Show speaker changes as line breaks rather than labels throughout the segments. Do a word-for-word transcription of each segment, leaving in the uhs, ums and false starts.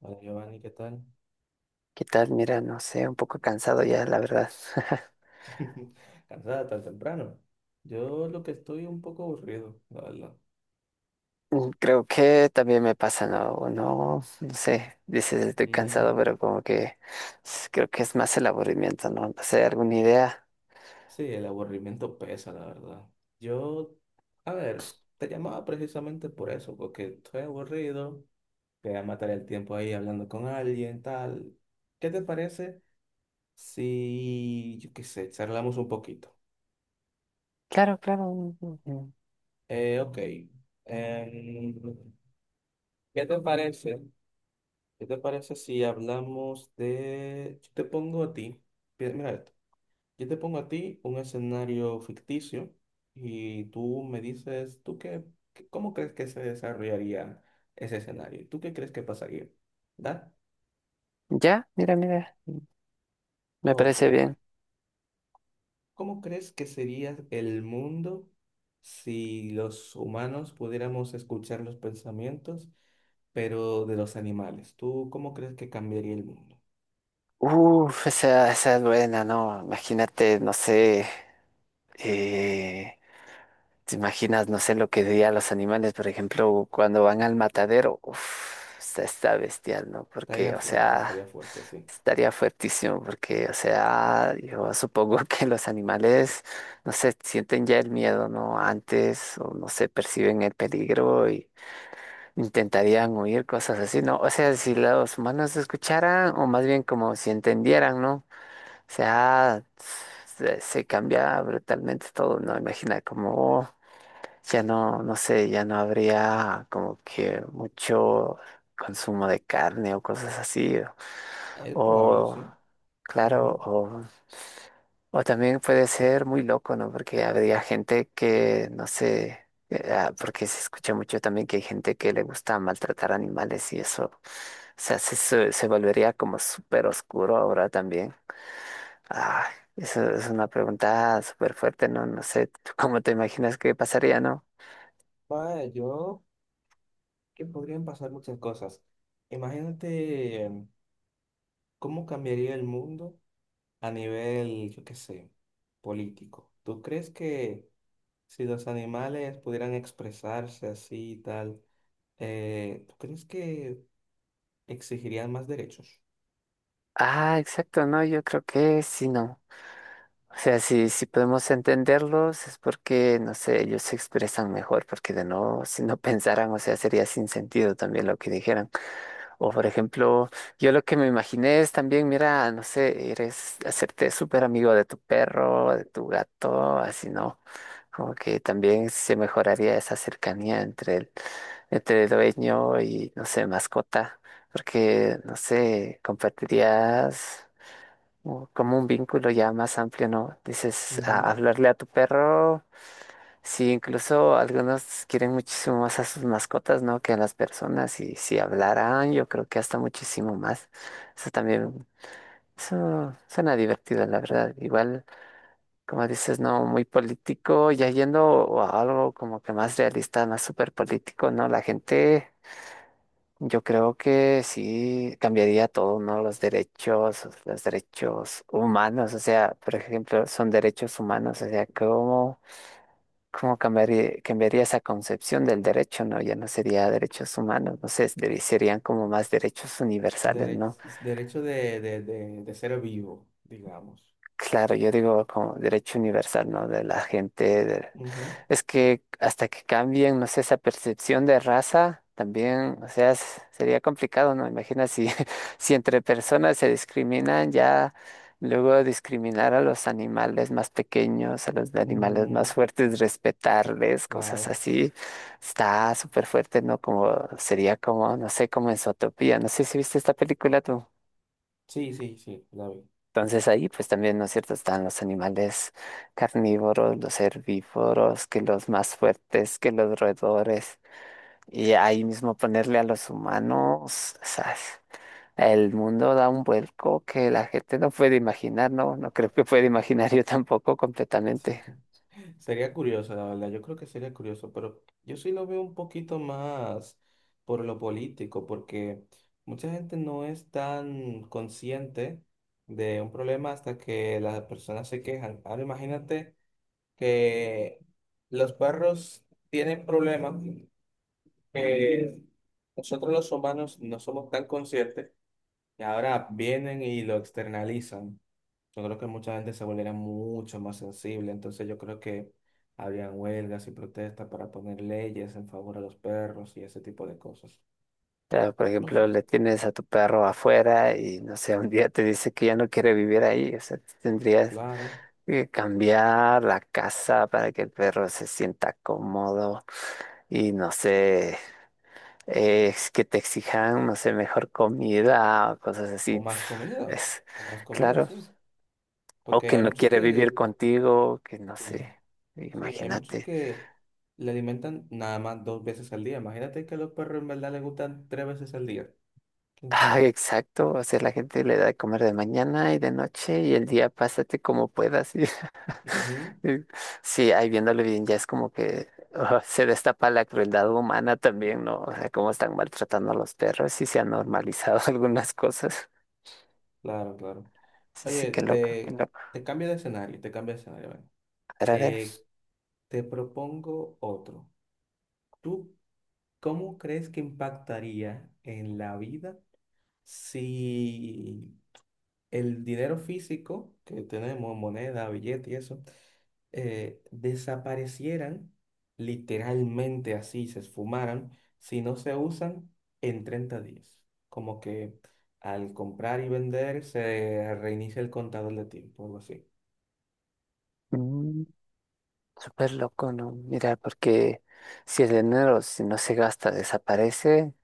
Hola Giovanni, ¿qué tal?
¿Qué tal? Mira, no sé, un poco cansado ya, la verdad.
Cansada tan temprano. Yo lo que estoy un poco aburrido, la verdad.
Mm, Creo que también me pasa, ¿no? O no, no sé, dices estoy cansado,
Mm.
pero como que s- creo que es más el aburrimiento, ¿no? No sé, alguna idea.
Sí, el aburrimiento pesa, la verdad. Yo, a ver, te llamaba precisamente por eso, porque estoy aburrido, quería matar el tiempo ahí hablando con alguien, tal. ¿Qué te parece si, yo qué sé, charlamos un poquito?
Claro, claro. Mm, mm, mm.
Eh, ok. em, ¿Qué te parece? ¿Qué te parece si hablamos de... Yo te pongo a ti, pi- mira esto, yo te pongo a ti un escenario ficticio y tú me dices, ¿tú qué, qué- cómo crees que se desarrollaría ese escenario? ¿Tú qué crees que pasaría? ¿Da?
Ya, mira, mira, me
Ok.
parece bien.
¿Cómo crees que sería el mundo si los humanos pudiéramos escuchar los pensamientos, pero de los animales? ¿Tú cómo crees que cambiaría el mundo?
Uf, esa, esa es buena, ¿no? Imagínate, no sé, eh, ¿te imaginas, no sé lo que dirían los animales, por ejemplo, cuando van al matadero? Uf, está, está bestial, ¿no?
Estaría
Porque, o
fuerte, estaría
sea,
fuerte, sí.
estaría fuertísimo, porque, o sea, yo supongo que los animales, no sé, sienten ya el miedo, ¿no? Antes, o no sé, perciben el peligro y intentarían huir, cosas así, ¿no? O sea, si los humanos escucharan, o más bien como si entendieran, ¿no? O sea, se, se cambia brutalmente todo, ¿no? Imagina como... Ya no, no sé, ya no habría como que mucho consumo de carne o cosas así.
Es probable,
O,
sí.
claro,
Ujú.
o, o también puede ser muy loco, ¿no? Porque habría gente que, no sé, eh, ah, porque se escucha mucho también que hay gente que le gusta maltratar animales y eso, o sea, se, se, se volvería como súper oscuro ahora también. Ah, eso es una pregunta súper fuerte, ¿no? No sé, ¿tú cómo te imaginas que pasaría, no?
Vaya, yo que podrían pasar muchas cosas. Imagínate em, cómo cambiaría el mundo a nivel, yo qué sé, político. ¿Tú crees que si los animales pudieran expresarse así y tal, eh, ¿tú crees que exigirían más derechos?
Ah, exacto, no, yo creo que sí, no. O sea, si, si podemos entenderlos es porque, no sé, ellos se expresan mejor, porque de no, si no pensaran, o sea, sería sin sentido también lo que dijeran. O por ejemplo, yo lo que me imaginé es también, mira, no sé, eres hacerte súper amigo de tu perro, de tu gato, así no. Como que también se mejoraría esa cercanía entre el, entre el dueño y, no sé, mascota, porque, no sé, compartirías o como un vínculo ya más amplio, ¿no? Dices, a-
Ujú.
hablarle a tu perro, sí, incluso algunos quieren muchísimo más a sus mascotas, ¿no? Que a las personas, y si hablaran, yo creo que hasta muchísimo más. Eso también, eso suena divertido, la verdad. Igual, como dices, no, muy político, ya yendo a algo como que más realista, más súper político, ¿no? La gente... Yo creo que sí cambiaría todo, ¿no? Los derechos, los derechos humanos, o sea, por ejemplo, son derechos humanos, o sea, ¿cómo, cómo cambiaría, cambiaría esa concepción del derecho, no? Ya no sería derechos humanos, no sé, deri- serían como más derechos universales,
Dere-
¿no?
derecho de, de, de, de ser vivo, digamos.
Claro, yo digo como derecho universal, ¿no? De la gente. de-
Ujú.
Es que hasta que cambien, no sé, esa percepción de raza, también, o sea, es- sería complicado, ¿no? Imagina si, si entre personas se discriminan, ya luego discriminar a los animales más pequeños, a los animales más
Mm,
fuertes, respetarles, cosas
claro.
así, está súper fuerte, ¿no? Como sería como, no sé, como en Zootopía. No sé si viste esta película tú.
Sí, sí, sí, la vi.
Entonces ahí pues también, ¿no es cierto?, están los animales carnívoros, los herbívoros, que los más fuertes, que los roedores. Y ahí mismo ponerle a los humanos, ¿sabes? El mundo da un vuelco que la gente no puede imaginar, ¿no? No creo que pueda imaginar yo tampoco completamente.
Sería curioso, la verdad. Yo creo que sería curioso, pero yo sí lo veo un poquito más por lo político, porque mucha gente no es tan consciente de un problema hasta que las personas se quejan. Ahora imagínate que los perros tienen problemas que nosotros los humanos no somos tan conscientes y ahora vienen y lo externalizan. Yo creo que mucha gente se volviera mucho más sensible, entonces yo creo que habrían huelgas y protestas para poner leyes en favor a los perros y ese tipo de cosas.
Pero, por
No sé,
ejemplo, le tienes a tu perro afuera y, no sé, un día te dice que ya no quiere vivir ahí. O sea, tendrías
claro.
que cambiar la casa para que el perro se sienta cómodo. Y no sé, es que te exijan, no sé, mejor comida o cosas
O
así. pf,
más comida,
Es
o más comida,
claro.
sí.
O
Porque
que
hay
no
muchos
quiere vivir
que,
contigo, que no sé.
sí, sí, hay muchos
Imagínate.
que le alimentan nada más dos veces al día. Imagínate que a los perros en verdad les gustan tres veces al día. ¿Quién sabe?
Ah, exacto. O sea, la gente le da de comer de mañana y de noche y el día pásate como puedas. y-
Ujú.
y Sí, ahí viéndolo bien, ya es como que ah, se destapa la crueldad humana también, ¿no? O sea, cómo están maltratando a los perros y se han normalizado algunas cosas.
Claro, claro.
Sí, sí,
Oye,
qué loco, qué
te,
loco.
te cambio de escenario, te cambio de escenario. Ven.
Pero a ver.
Eh, Te propongo otro. ¿Tú cómo crees que impactaría en la vida si el dinero físico que tenemos, moneda, billete y eso, eh, desaparecieran literalmente así, se esfumaran, si no se usan en treinta días? Como que al comprar y vender se reinicia el contador de tiempo, algo así.
Mm, Súper loco, ¿no? Mira, porque si el dinero si no se gasta, desaparece,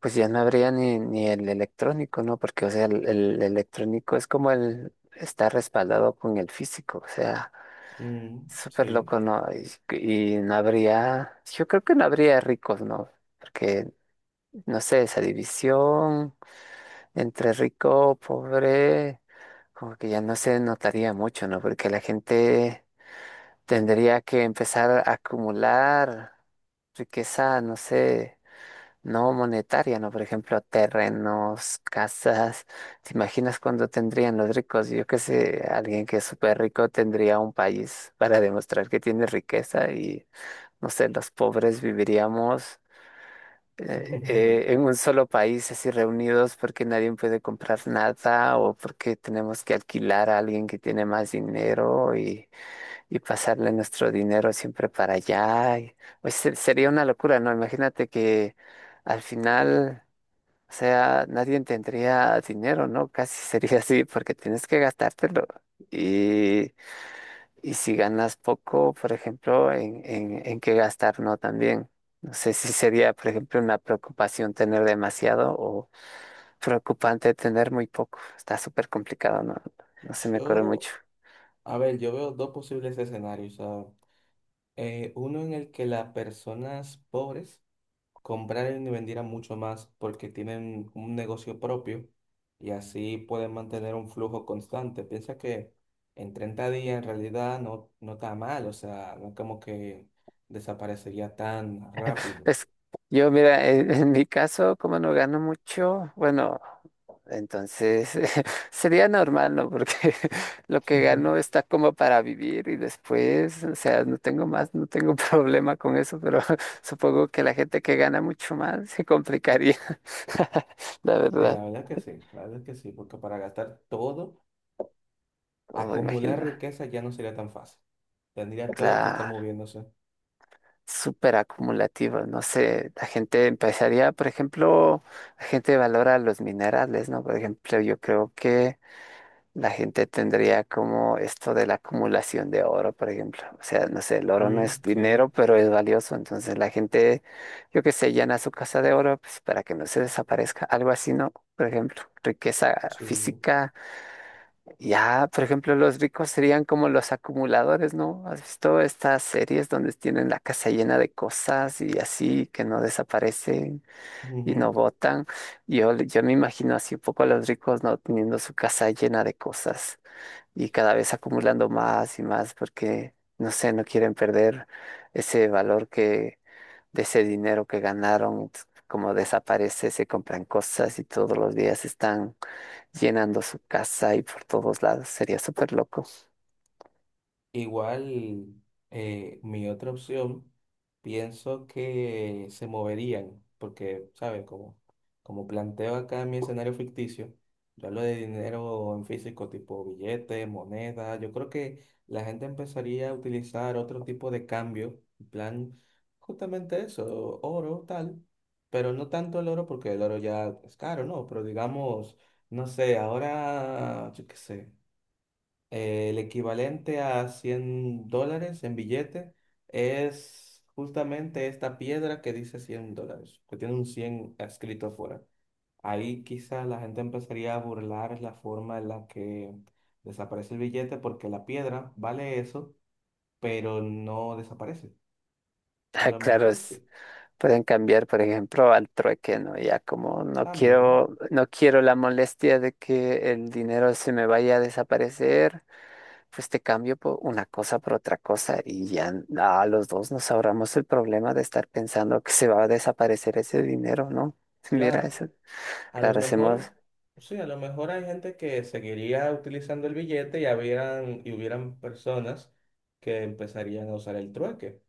pues ya no habría ni, ni el electrónico, ¿no? Porque, o sea, el, el electrónico es como el está respaldado con el físico, o sea,
Mm,
súper
sí.
loco, ¿no? Y, y no habría, yo creo que no habría ricos, ¿no? Porque, no sé, esa división entre rico, pobre, como que ya no se notaría mucho, ¿no? Porque la gente tendría que empezar a acumular riqueza, no sé, no monetaria, ¿no? Por ejemplo, terrenos, casas. ¿Te imaginas cuándo tendrían los ricos? Yo qué sé, alguien que es súper rico tendría un país para demostrar que tiene riqueza y, no sé, los pobres viviríamos eh, eh, en un solo país así reunidos porque nadie puede comprar nada o porque tenemos que alquilar a alguien que tiene más dinero y pasarle nuestro dinero siempre para allá. Y- pues se- sería una locura, ¿no? Imagínate que al final, o sea, nadie tendría dinero, ¿no? Casi sería así, porque tienes que gastártelo. Y, y si ganas poco, por ejemplo, en, en, en qué gastar, ¿no? También. No sé si sería, por ejemplo, una preocupación tener demasiado o preocupante tener muy poco. Está súper complicado, ¿no? No se me ocurre mucho.
Yo A ver, yo veo dos posibles escenarios. O sea, eh, uno en el que las personas pobres compraran y vendieran mucho más porque tienen un negocio propio y así pueden mantener un flujo constante. Piensa que en treinta días en realidad no, no está mal, o sea, no es como que desaparecería tan rápido.
Es, yo, mira, en, en mi caso, como no gano mucho, bueno, entonces sería normal, ¿no? Porque lo que gano está como para vivir y después, o sea, no tengo más, no tengo problema con eso, pero supongo que la gente que gana mucho más se complicaría, la
Sí,
verdad.
la verdad que sí, la verdad que sí, porque para gastar todo,
Oh,
acumular
imagina,
riqueza ya no sería tan fácil. Tendría todo que estar
claro,
moviéndose.
súper acumulativo, no sé, la gente empezaría, por ejemplo, la gente valora los minerales, ¿no? Por ejemplo, yo creo que la gente tendría como esto de la acumulación de oro, por ejemplo. O sea, no sé, el oro no es
Mm,
dinero,
sí,
pero es valioso. Entonces la gente, yo qué sé, llena su casa de oro pues, para que no se desaparezca. Algo así, ¿no? Por ejemplo, riqueza
sí.
física. Ya, por ejemplo, los ricos serían como los acumuladores, ¿no? ¿Has visto estas series donde tienen la casa llena de cosas y así que no desaparecen y no
Ujú.
botan? Yo, yo me imagino así un poco a los ricos, ¿no? Teniendo su casa llena de cosas y cada vez acumulando más y más porque, no sé, no quieren perder ese valor que de ese dinero que ganaron, ts- como desaparece, se compran cosas y todos los días están llenando su casa y por todos lados. Sería súper loco.
Igual, eh, mi otra opción, pienso que se moverían, porque, ¿sabes? Como, como planteo acá mi escenario ficticio, yo hablo de dinero en físico, tipo billetes, monedas, yo creo que la gente empezaría a utilizar otro tipo de cambio, en plan, justamente eso, oro, tal, pero no tanto el oro, porque el oro ya es caro, ¿no? Pero digamos, no sé, ahora, yo qué sé. Eh, el equivalente a cien dólares en billete es justamente esta piedra que dice cien dólares, que tiene un cien escrito afuera. Ahí quizá la gente empezaría a burlar la forma en la que desaparece el billete porque la piedra vale eso, pero no desaparece. A
Ah,
lo
claro,
mejor
es-
sí,
pueden cambiar, por ejemplo, al trueque, ¿no? Ya como no
también,
quiero, no quiero la molestia de que el dinero se me vaya a desaparecer. Pues te cambio por una cosa por otra cosa y ya a los dos nos ahorramos el problema de estar pensando que se va a desaparecer ese dinero, ¿no? Mira,
claro.
eso,
A lo
claro,
mejor,
hacemos,
sí, a lo mejor hay gente que seguiría utilizando el billete y habrían, y hubieran personas que empezarían a usar el trueque.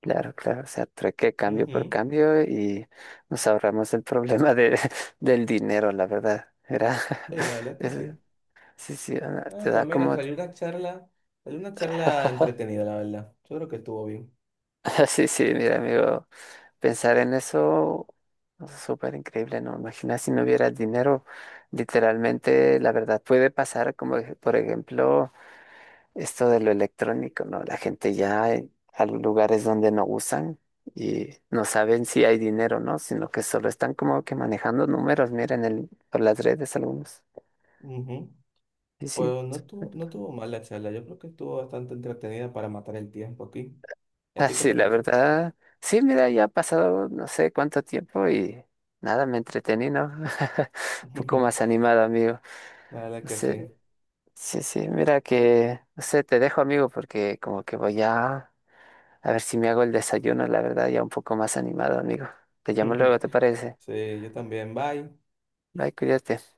claro, claro, o sea, trueque cambio por
Ujú.
cambio y nos ahorramos el problema de, del dinero, la verdad, era,
Sí, la verdad que
es-
sí.
sí, sí, ah,
Ah,
te
pues
da
mira,
como,
salió una charla, salió una charla entretenida, la verdad. Yo creo que estuvo bien.
sí, sí, mira, amigo. Pensar en eso es súper increíble, ¿no? Imagina si no hubiera dinero. Literalmente, la verdad, puede pasar como, ej- por ejemplo, esto de lo electrónico, ¿no? La gente ya eh, a los lugares donde no usan y no saben si hay dinero, ¿no? Sino que solo están como que manejando números, miren, el, por las redes algunos.
Ujú.
Y sí,
Pues no tuvo, no tuvo mal la charla. Yo creo que estuvo bastante entretenida para matar el tiempo aquí. ¿Y a
ah,
ti qué
sí,
te
la
pareció?
verdad. Sí, mira, ya ha pasado no sé cuánto tiempo y nada, me entretení, ¿no? Un poco más animado, amigo.
La verdad que
Sí,
sí.
sí, sí, mira que, no sé, te dejo amigo porque como que voy a, a, ver si me hago el desayuno, la verdad, ya un poco más animado, amigo. Te llamo luego, ¿te parece?
Sí, yo también. Bye.
Bye, cuídate.